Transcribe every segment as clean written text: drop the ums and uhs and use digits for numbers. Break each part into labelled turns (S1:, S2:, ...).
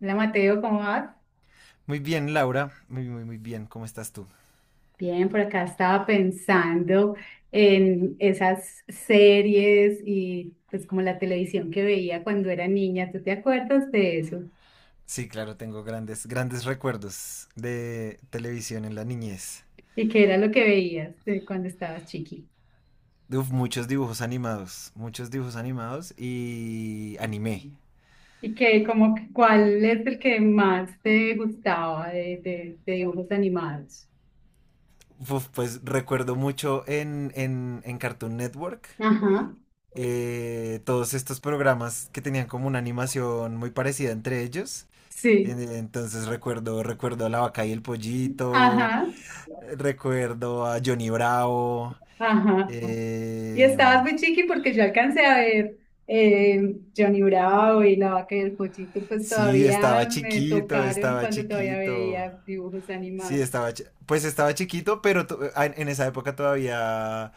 S1: Hola Mateo, ¿cómo vas?
S2: Muy bien, Laura. Muy, muy, muy bien. ¿Cómo estás tú?
S1: Bien, por acá estaba pensando en esas series y pues como la televisión que veía cuando era niña. ¿Tú te acuerdas de eso?
S2: Sí, claro, tengo grandes, grandes recuerdos de televisión en la niñez.
S1: ¿Y qué era lo que veías cuando estabas chiqui?
S2: Uf, muchos dibujos animados y anime.
S1: ¿Y qué, como, cuál es el que más te gustaba de dibujos animados?
S2: Uf, pues recuerdo mucho en Cartoon Network,
S1: Ajá,
S2: todos estos programas que tenían como una animación muy parecida entre ellos. En-
S1: sí,
S2: Entonces recuerdo, recuerdo a la vaca y el pollito,
S1: ajá,
S2: recuerdo a Johnny Bravo.
S1: ajá. Y
S2: eh,
S1: estabas muy chiqui porque yo alcancé a ver Johnny Bravo y La Vaca y el Pollito, pues
S2: Sí,
S1: todavía
S2: estaba
S1: me
S2: chiquito,
S1: tocaron
S2: estaba
S1: cuando todavía
S2: chiquito.
S1: veía dibujos
S2: Sí, estaba,
S1: animados.
S2: pues estaba chiquito, pero en esa época todavía,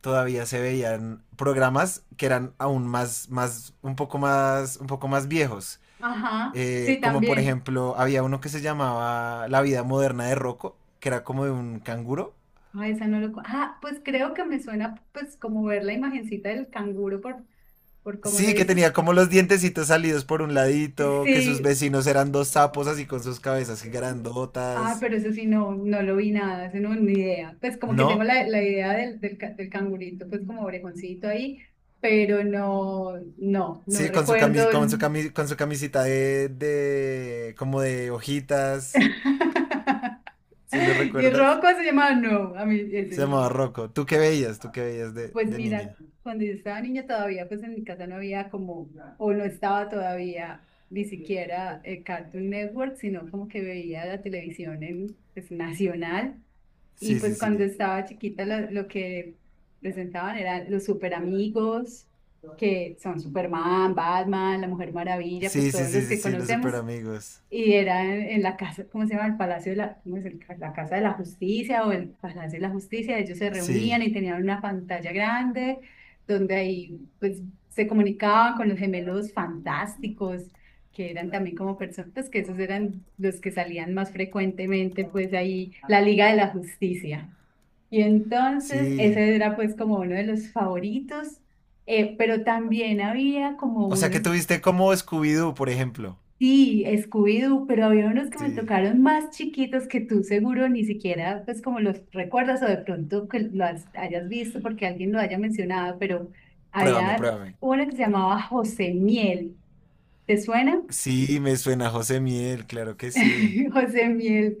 S2: todavía se veían programas que eran aún más, más, un poco más, un poco más viejos.
S1: Ajá, sí,
S2: Como por
S1: también.
S2: ejemplo, había uno que se llamaba La vida moderna de Rocco, que era como de un canguro.
S1: Ah, esa no lo... Ah, pues creo que me suena pues como ver la imagencita del canguro por cómo lo
S2: Sí, que
S1: dices.
S2: tenía como los dientecitos salidos por un ladito, que sus
S1: Sí,
S2: vecinos eran dos sapos así con sus cabezas
S1: ah,
S2: grandotas.
S1: pero eso sí, no, no lo vi nada, eso no, ni idea. Pues como que tengo
S2: ¿No?
S1: la idea del cangurito, pues como orejoncito ahí, pero no, no, no
S2: Sí, con su
S1: recuerdo.
S2: camisita de como de hojitas, si lo
S1: Y
S2: recuerdas.
S1: Rocco se llamaba, no, a mí ese
S2: Se
S1: no.
S2: llamaba Rocco. ¿Tú qué veías? ¿Tú qué veías
S1: Pues
S2: de
S1: mira,
S2: niña?
S1: cuando yo estaba niña todavía, pues en mi casa no había como, o no estaba todavía ni siquiera Cartoon Network, sino como que veía la televisión en, pues, nacional. Y
S2: Sí, sí,
S1: pues cuando
S2: sí.
S1: estaba chiquita lo que presentaban eran los super amigos, que son Superman, Batman, la Mujer Maravilla,
S2: Sí,
S1: pues
S2: sí,
S1: todos
S2: sí,
S1: los
S2: sí,
S1: que
S2: sí, los super
S1: conocemos.
S2: amigos.
S1: Y era en la casa, ¿cómo se llama? El Palacio de la, ¿cómo es el la Casa de la Justicia o el Palacio de la Justicia? Ellos se
S2: Sí,
S1: reunían y tenían una pantalla grande donde ahí pues se comunicaban con los gemelos fantásticos, que eran también como personas, pues que esos eran los que salían más frecuentemente, pues ahí la Liga de la Justicia. Y entonces
S2: sí.
S1: ese era pues como uno de los favoritos. Pero también había como
S2: O sea que
S1: unos.
S2: tuviste como Scooby-Doo, por ejemplo.
S1: Sí, Scooby-Doo, pero había unos que me
S2: Sí.
S1: tocaron más chiquitos que tú seguro ni siquiera, pues como los recuerdas o de pronto que lo hayas visto porque alguien lo haya mencionado, pero
S2: Pruébame,
S1: había
S2: pruébame.
S1: una que se llamaba José Miel. ¿Te suena?
S2: Sí, me suena a José Miel, claro que sí.
S1: José Miel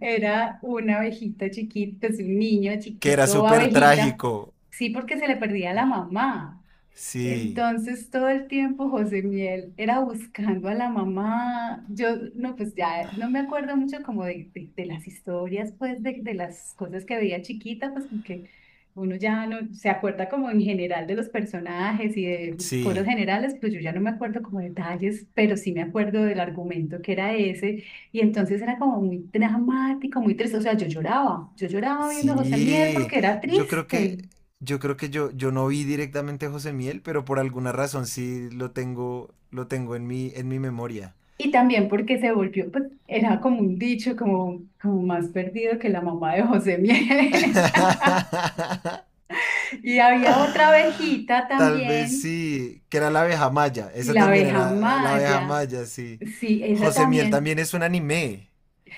S1: era una abejita chiquita, es un niño
S2: Que era
S1: chiquito,
S2: súper
S1: abejita.
S2: trágico.
S1: Sí, porque se le perdía la mamá.
S2: Sí,
S1: Entonces todo el tiempo José Miel era buscando a la mamá. Yo no, pues ya no me acuerdo mucho como de las historias, pues de las cosas que veía chiquita, pues porque uno ya no se acuerda como en general de los personajes y de cosas
S2: sí.
S1: generales, pero yo ya no me acuerdo como detalles, pero sí me acuerdo del argumento que era ese. Y entonces era como muy dramático, muy triste. O sea, yo lloraba viendo a José Miel
S2: Sí,
S1: porque era
S2: yo creo que,
S1: triste.
S2: yo creo que yo no vi directamente a José Miel, pero por alguna razón sí lo tengo en mi memoria.
S1: Y también porque se volvió, pues era como un dicho, como, como más perdido que la mamá de José Miel. Y había otra abejita
S2: Tal vez
S1: también,
S2: sí, que era la abeja maya,
S1: y
S2: esa
S1: la
S2: también
S1: abeja
S2: era la abeja
S1: Maya.
S2: maya, sí.
S1: Sí, esa
S2: José Miel
S1: también.
S2: también es un anime.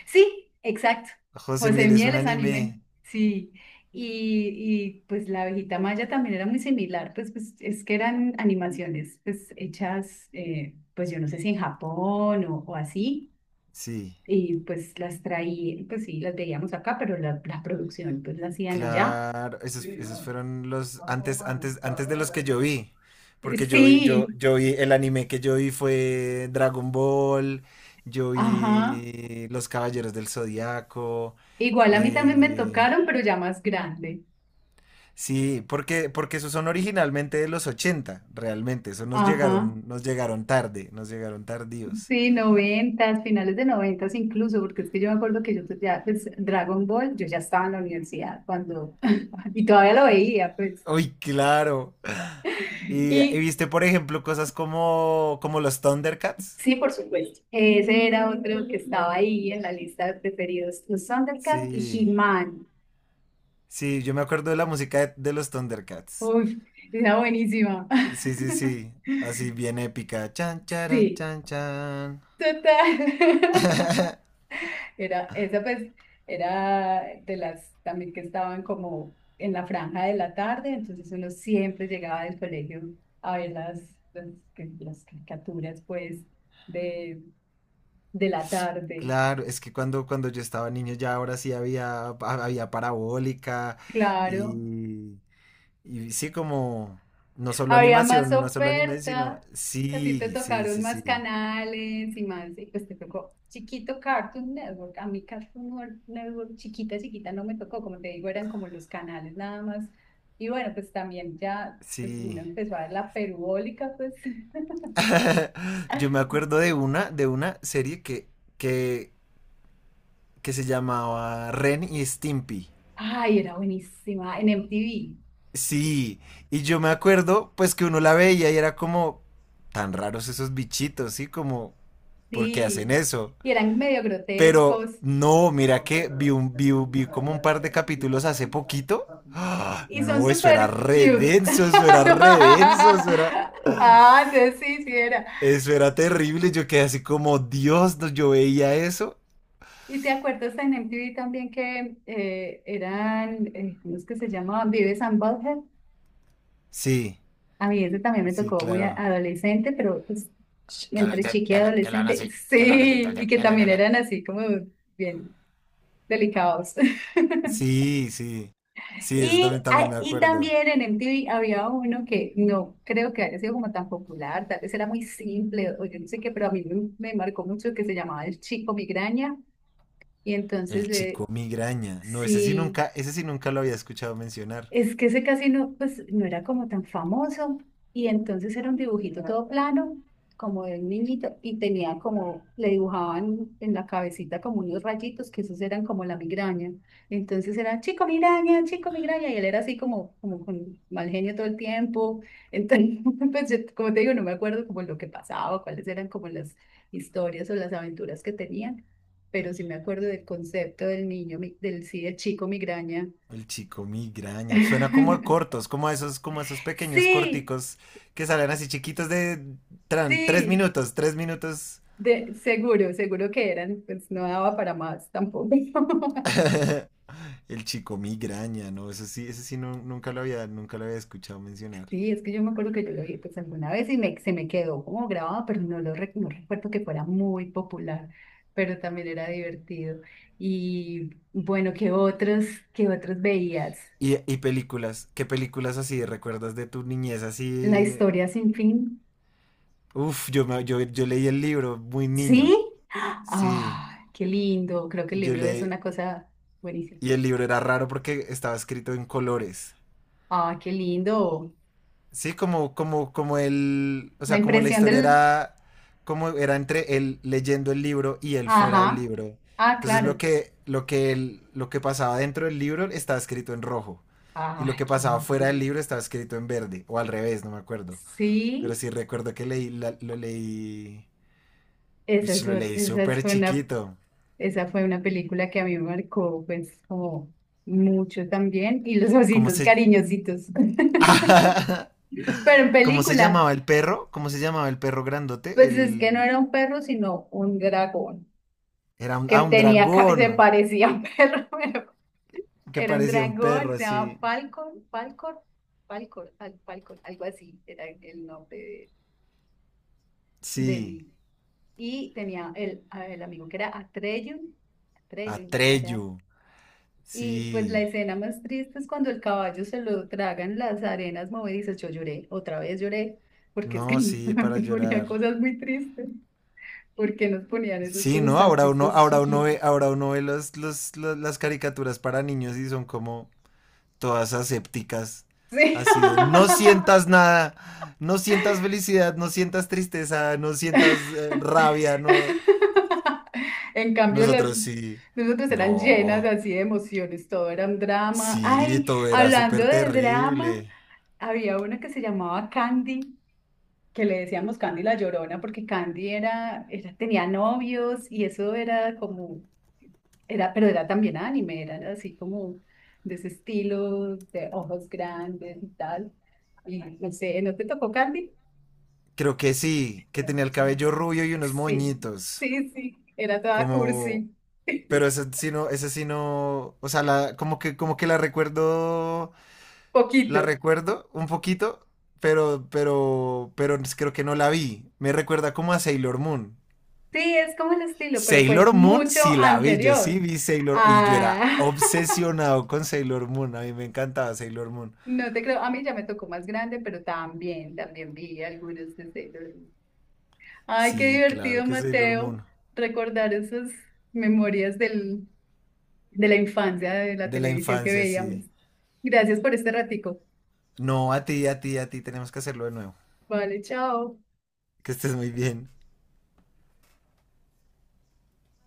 S1: Sí, exacto.
S2: José
S1: José
S2: Miel es
S1: Miel
S2: un
S1: es anime.
S2: anime,
S1: Sí. Y pues la abejita Maya también era muy similar, pues, pues es que eran animaciones pues hechas, pues yo no sé si en Japón o así
S2: sí.
S1: y pues las traí, pues sí, las veíamos acá, pero la producción pues la hacían allá.
S2: Claro, esos, esos fueron los antes, antes, antes de los que yo vi. Porque yo vi, yo,
S1: Sí,
S2: yo vi, el anime que yo vi fue Dragon Ball, yo
S1: ajá.
S2: vi Los Caballeros del Zodiaco.
S1: Igual a mí también me
S2: eh,
S1: tocaron, pero ya más grande.
S2: sí, porque, porque esos son originalmente de los 80 realmente. Eso
S1: Ajá.
S2: nos llegaron tarde, nos llegaron tardíos.
S1: Sí, noventas, finales de noventas incluso, porque es que yo me acuerdo que yo pues, ya, pues Dragon Ball, yo ya estaba en la universidad cuando, y todavía lo veía, pues.
S2: Uy, claro. Y
S1: Y
S2: viste, por ejemplo, cosas como, como los Thundercats.
S1: sí, por supuesto, ese era otro que estaba ahí en la lista de preferidos, los Thundercats
S2: Sí.
S1: y He-Man.
S2: Sí, yo me acuerdo de la música de los Thundercats.
S1: Uf, era buenísima.
S2: Sí, sí, sí. Así bien épica. Chan, charan,
S1: Sí,
S2: chan, chan.
S1: total. Era, esa pues era de las también que estaban como en la franja de la tarde, entonces uno siempre llegaba del colegio a ver las, las caricaturas pues de, de la tarde.
S2: Claro, es que cuando, cuando yo estaba niño ya ahora sí había, había parabólica
S1: Claro.
S2: y, y sí como no solo
S1: Había más
S2: animación, no solo anime, sino
S1: oferta, a ti te
S2: sí, sí,
S1: tocaron
S2: sí,
S1: más
S2: sí,
S1: canales y más, y pues te tocó chiquito Cartoon Network, a mí Cartoon Network chiquita, chiquita no me tocó, como te digo, eran como los canales nada más. Y bueno, pues también ya, pues uno
S2: sí.
S1: empezó a ver la perubólica, pues.
S2: Yo me acuerdo de una serie que, que se llamaba Ren y Stimpy.
S1: Ay, era buenísima, en MTV,
S2: Sí, y yo me acuerdo pues que uno la veía y era como tan raros esos bichitos, ¿sí? Como, ¿por qué hacen
S1: sí.
S2: eso?
S1: Y eran medio
S2: Pero
S1: grotescos.
S2: no, mira que vi como un par de capítulos hace poquito. ¡Ah!
S1: Y son
S2: No, eso era
S1: súper
S2: re
S1: cute.
S2: denso, eso era re denso,
S1: No. Ah, entonces sí, sí era.
S2: eso era terrible. Yo quedé así como, Dios, no, yo veía eso.
S1: ¿Y te acuerdas en MTV también que eran, cómo es que se llamaban? Vives and Butthead.
S2: Sí,
S1: A mí ese también me
S2: sí,
S1: tocó muy
S2: claro.
S1: adolescente, pero pues,
S2: Que hablan,
S1: entre chiqui y
S2: que hablan
S1: adolescente,
S2: así, que hablan así.
S1: sí, y que
S2: De-
S1: también eran
S2: de.
S1: así como bien delicados.
S2: Sí, sí. Sí, eso también,
S1: Y,
S2: también
S1: ah,
S2: me
S1: y
S2: acuerdo.
S1: también en MTV había uno que no creo que haya sido como tan popular, tal vez era muy simple o yo no sé qué, pero a mí me, me marcó mucho que se llamaba El Chico Migraña. Y
S2: El
S1: entonces,
S2: chico migraña. No,
S1: sí,
S2: ese sí nunca lo había escuchado mencionar.
S1: es que ese casi no, pues, no era como tan famoso y entonces era un dibujito todo plano, como de un niñito, y tenía como, le dibujaban en la cabecita como unos rayitos, que esos eran como la migraña. Entonces era, chico migraña, y él era así como, como con mal genio todo el tiempo. Entonces, pues, yo, como te digo, no me acuerdo como lo que pasaba, cuáles eran como las historias o las aventuras que tenían, pero sí me acuerdo del concepto del niño, mi- del sí, del chico migraña.
S2: El chico migraña. Suena como a cortos, como a esos pequeños
S1: Sí,
S2: corticos que salen así chiquitos de tres
S1: sí,
S2: minutos, tres minutos.
S1: de, seguro, seguro que eran, pues no daba para más tampoco.
S2: El chico migraña, no, eso sí, ese nunca lo había, nunca lo había escuchado mencionar.
S1: Sí, es que yo me acuerdo que yo lo vi pues alguna vez y me, se me quedó como grabado, pero no lo no recuerdo que fuera muy popular, pero también era divertido. Y bueno, qué otros veías?
S2: Y películas, ¿qué películas así recuerdas de tu niñez
S1: La
S2: así?
S1: historia sin fin.
S2: Uf, yo, yo leí el libro muy niño.
S1: ¿Sí?
S2: Sí,
S1: Ah, qué lindo, creo que el
S2: yo
S1: libro es
S2: leí.
S1: una cosa buenísima.
S2: Y el libro era raro porque estaba escrito en colores.
S1: Ah, qué lindo.
S2: Sí, como, como, como el, o
S1: La
S2: sea, como la
S1: impresión
S2: historia
S1: del...
S2: era, como era entre él leyendo el libro y él fuera del
S1: Ajá,
S2: libro.
S1: ah,
S2: Entonces
S1: claro.
S2: lo que pasaba dentro del libro estaba escrito en rojo. Y
S1: Ah,
S2: lo que
S1: qué
S2: pasaba fuera del
S1: lindo.
S2: libro estaba escrito en verde. O al revés, no me acuerdo. Pero
S1: Sí,
S2: sí recuerdo que lo leí,
S1: esa
S2: ush,
S1: es,
S2: lo leí súper chiquito.
S1: esa fue una película que a mí me marcó, pues, como mucho también. Y los
S2: ¿Cómo
S1: ositos
S2: se,
S1: cariñositos. Pero en
S2: ¿cómo se
S1: película,
S2: llamaba el perro? ¿Cómo se llamaba el perro grandote?
S1: pues es que no
S2: El...
S1: era un perro, sino un dragón,
S2: Era un,
S1: que
S2: ah, un
S1: tenía,
S2: dragón
S1: se parecía a un perro, pero
S2: que
S1: era un
S2: parecía un
S1: dragón,
S2: perro,
S1: se llamaba
S2: sí.
S1: Falcon, Falcor, Falcor, Falcor, algo así, era el nombre
S2: Sí,
S1: del... Y tenía el amigo que era Atreyu. Atreyu, era.
S2: Atreyu,
S1: Y pues la
S2: sí.
S1: escena más triste es cuando el caballo se lo tragan las arenas movedizas. Yo lloré, otra vez lloré, porque es que
S2: No, sí, para
S1: me ponía
S2: llorar.
S1: cosas muy tristes. ¿Por qué nos ponían esas
S2: Sí,
S1: cosas
S2: no,
S1: tan tristes chiquitos?
S2: ahora uno ve los, las caricaturas para niños y son como todas asépticas,
S1: Sí.
S2: así de no sientas nada, no sientas felicidad, no sientas tristeza, no sientas rabia, no.
S1: En cambio, las
S2: Nosotros sí,
S1: nosotros eran llenas
S2: no,
S1: así de emociones, todo era un drama.
S2: sí,
S1: Ay,
S2: todo era
S1: hablando
S2: súper
S1: de drama,
S2: terrible.
S1: había una que se llamaba Candy, que le decíamos Candy la Llorona, porque Candy era, era, tenía novios y eso era como, era, pero era también anime, era así como de ese estilo, de ojos grandes y tal. Y no sé, ¿no te tocó Candy?
S2: Creo que sí, que
S1: Era
S2: tenía el
S1: muchacha.
S2: cabello rubio y unos
S1: Sí,
S2: moñitos.
S1: sí, sí, era toda
S2: Como.
S1: cursi,
S2: Pero ese sí no, ese sí no. O sea, la, como que la recuerdo.
S1: poquito.
S2: La recuerdo un poquito. Pero creo que no la vi. Me recuerda como a Sailor Moon.
S1: Sí, es como el estilo, pero fue
S2: Sailor Moon
S1: mucho
S2: sí la vi, yo sí
S1: anterior.
S2: vi Sailor y yo era
S1: A
S2: obsesionado con Sailor Moon, a mí me encantaba Sailor Moon.
S1: no te creo, a mí ya me tocó más grande, pero también, también vi algunos de Sailor Moon. Ay, qué
S2: Sí, claro
S1: divertido,
S2: que Sailor
S1: Mateo,
S2: Moon,
S1: recordar esas memorias del, de la infancia, de la
S2: de la
S1: televisión que
S2: infancia, sí.
S1: veíamos. Gracias por este ratico.
S2: No, a ti, a ti, a ti, tenemos que hacerlo de nuevo.
S1: Vale, chao.
S2: Que estés muy bien.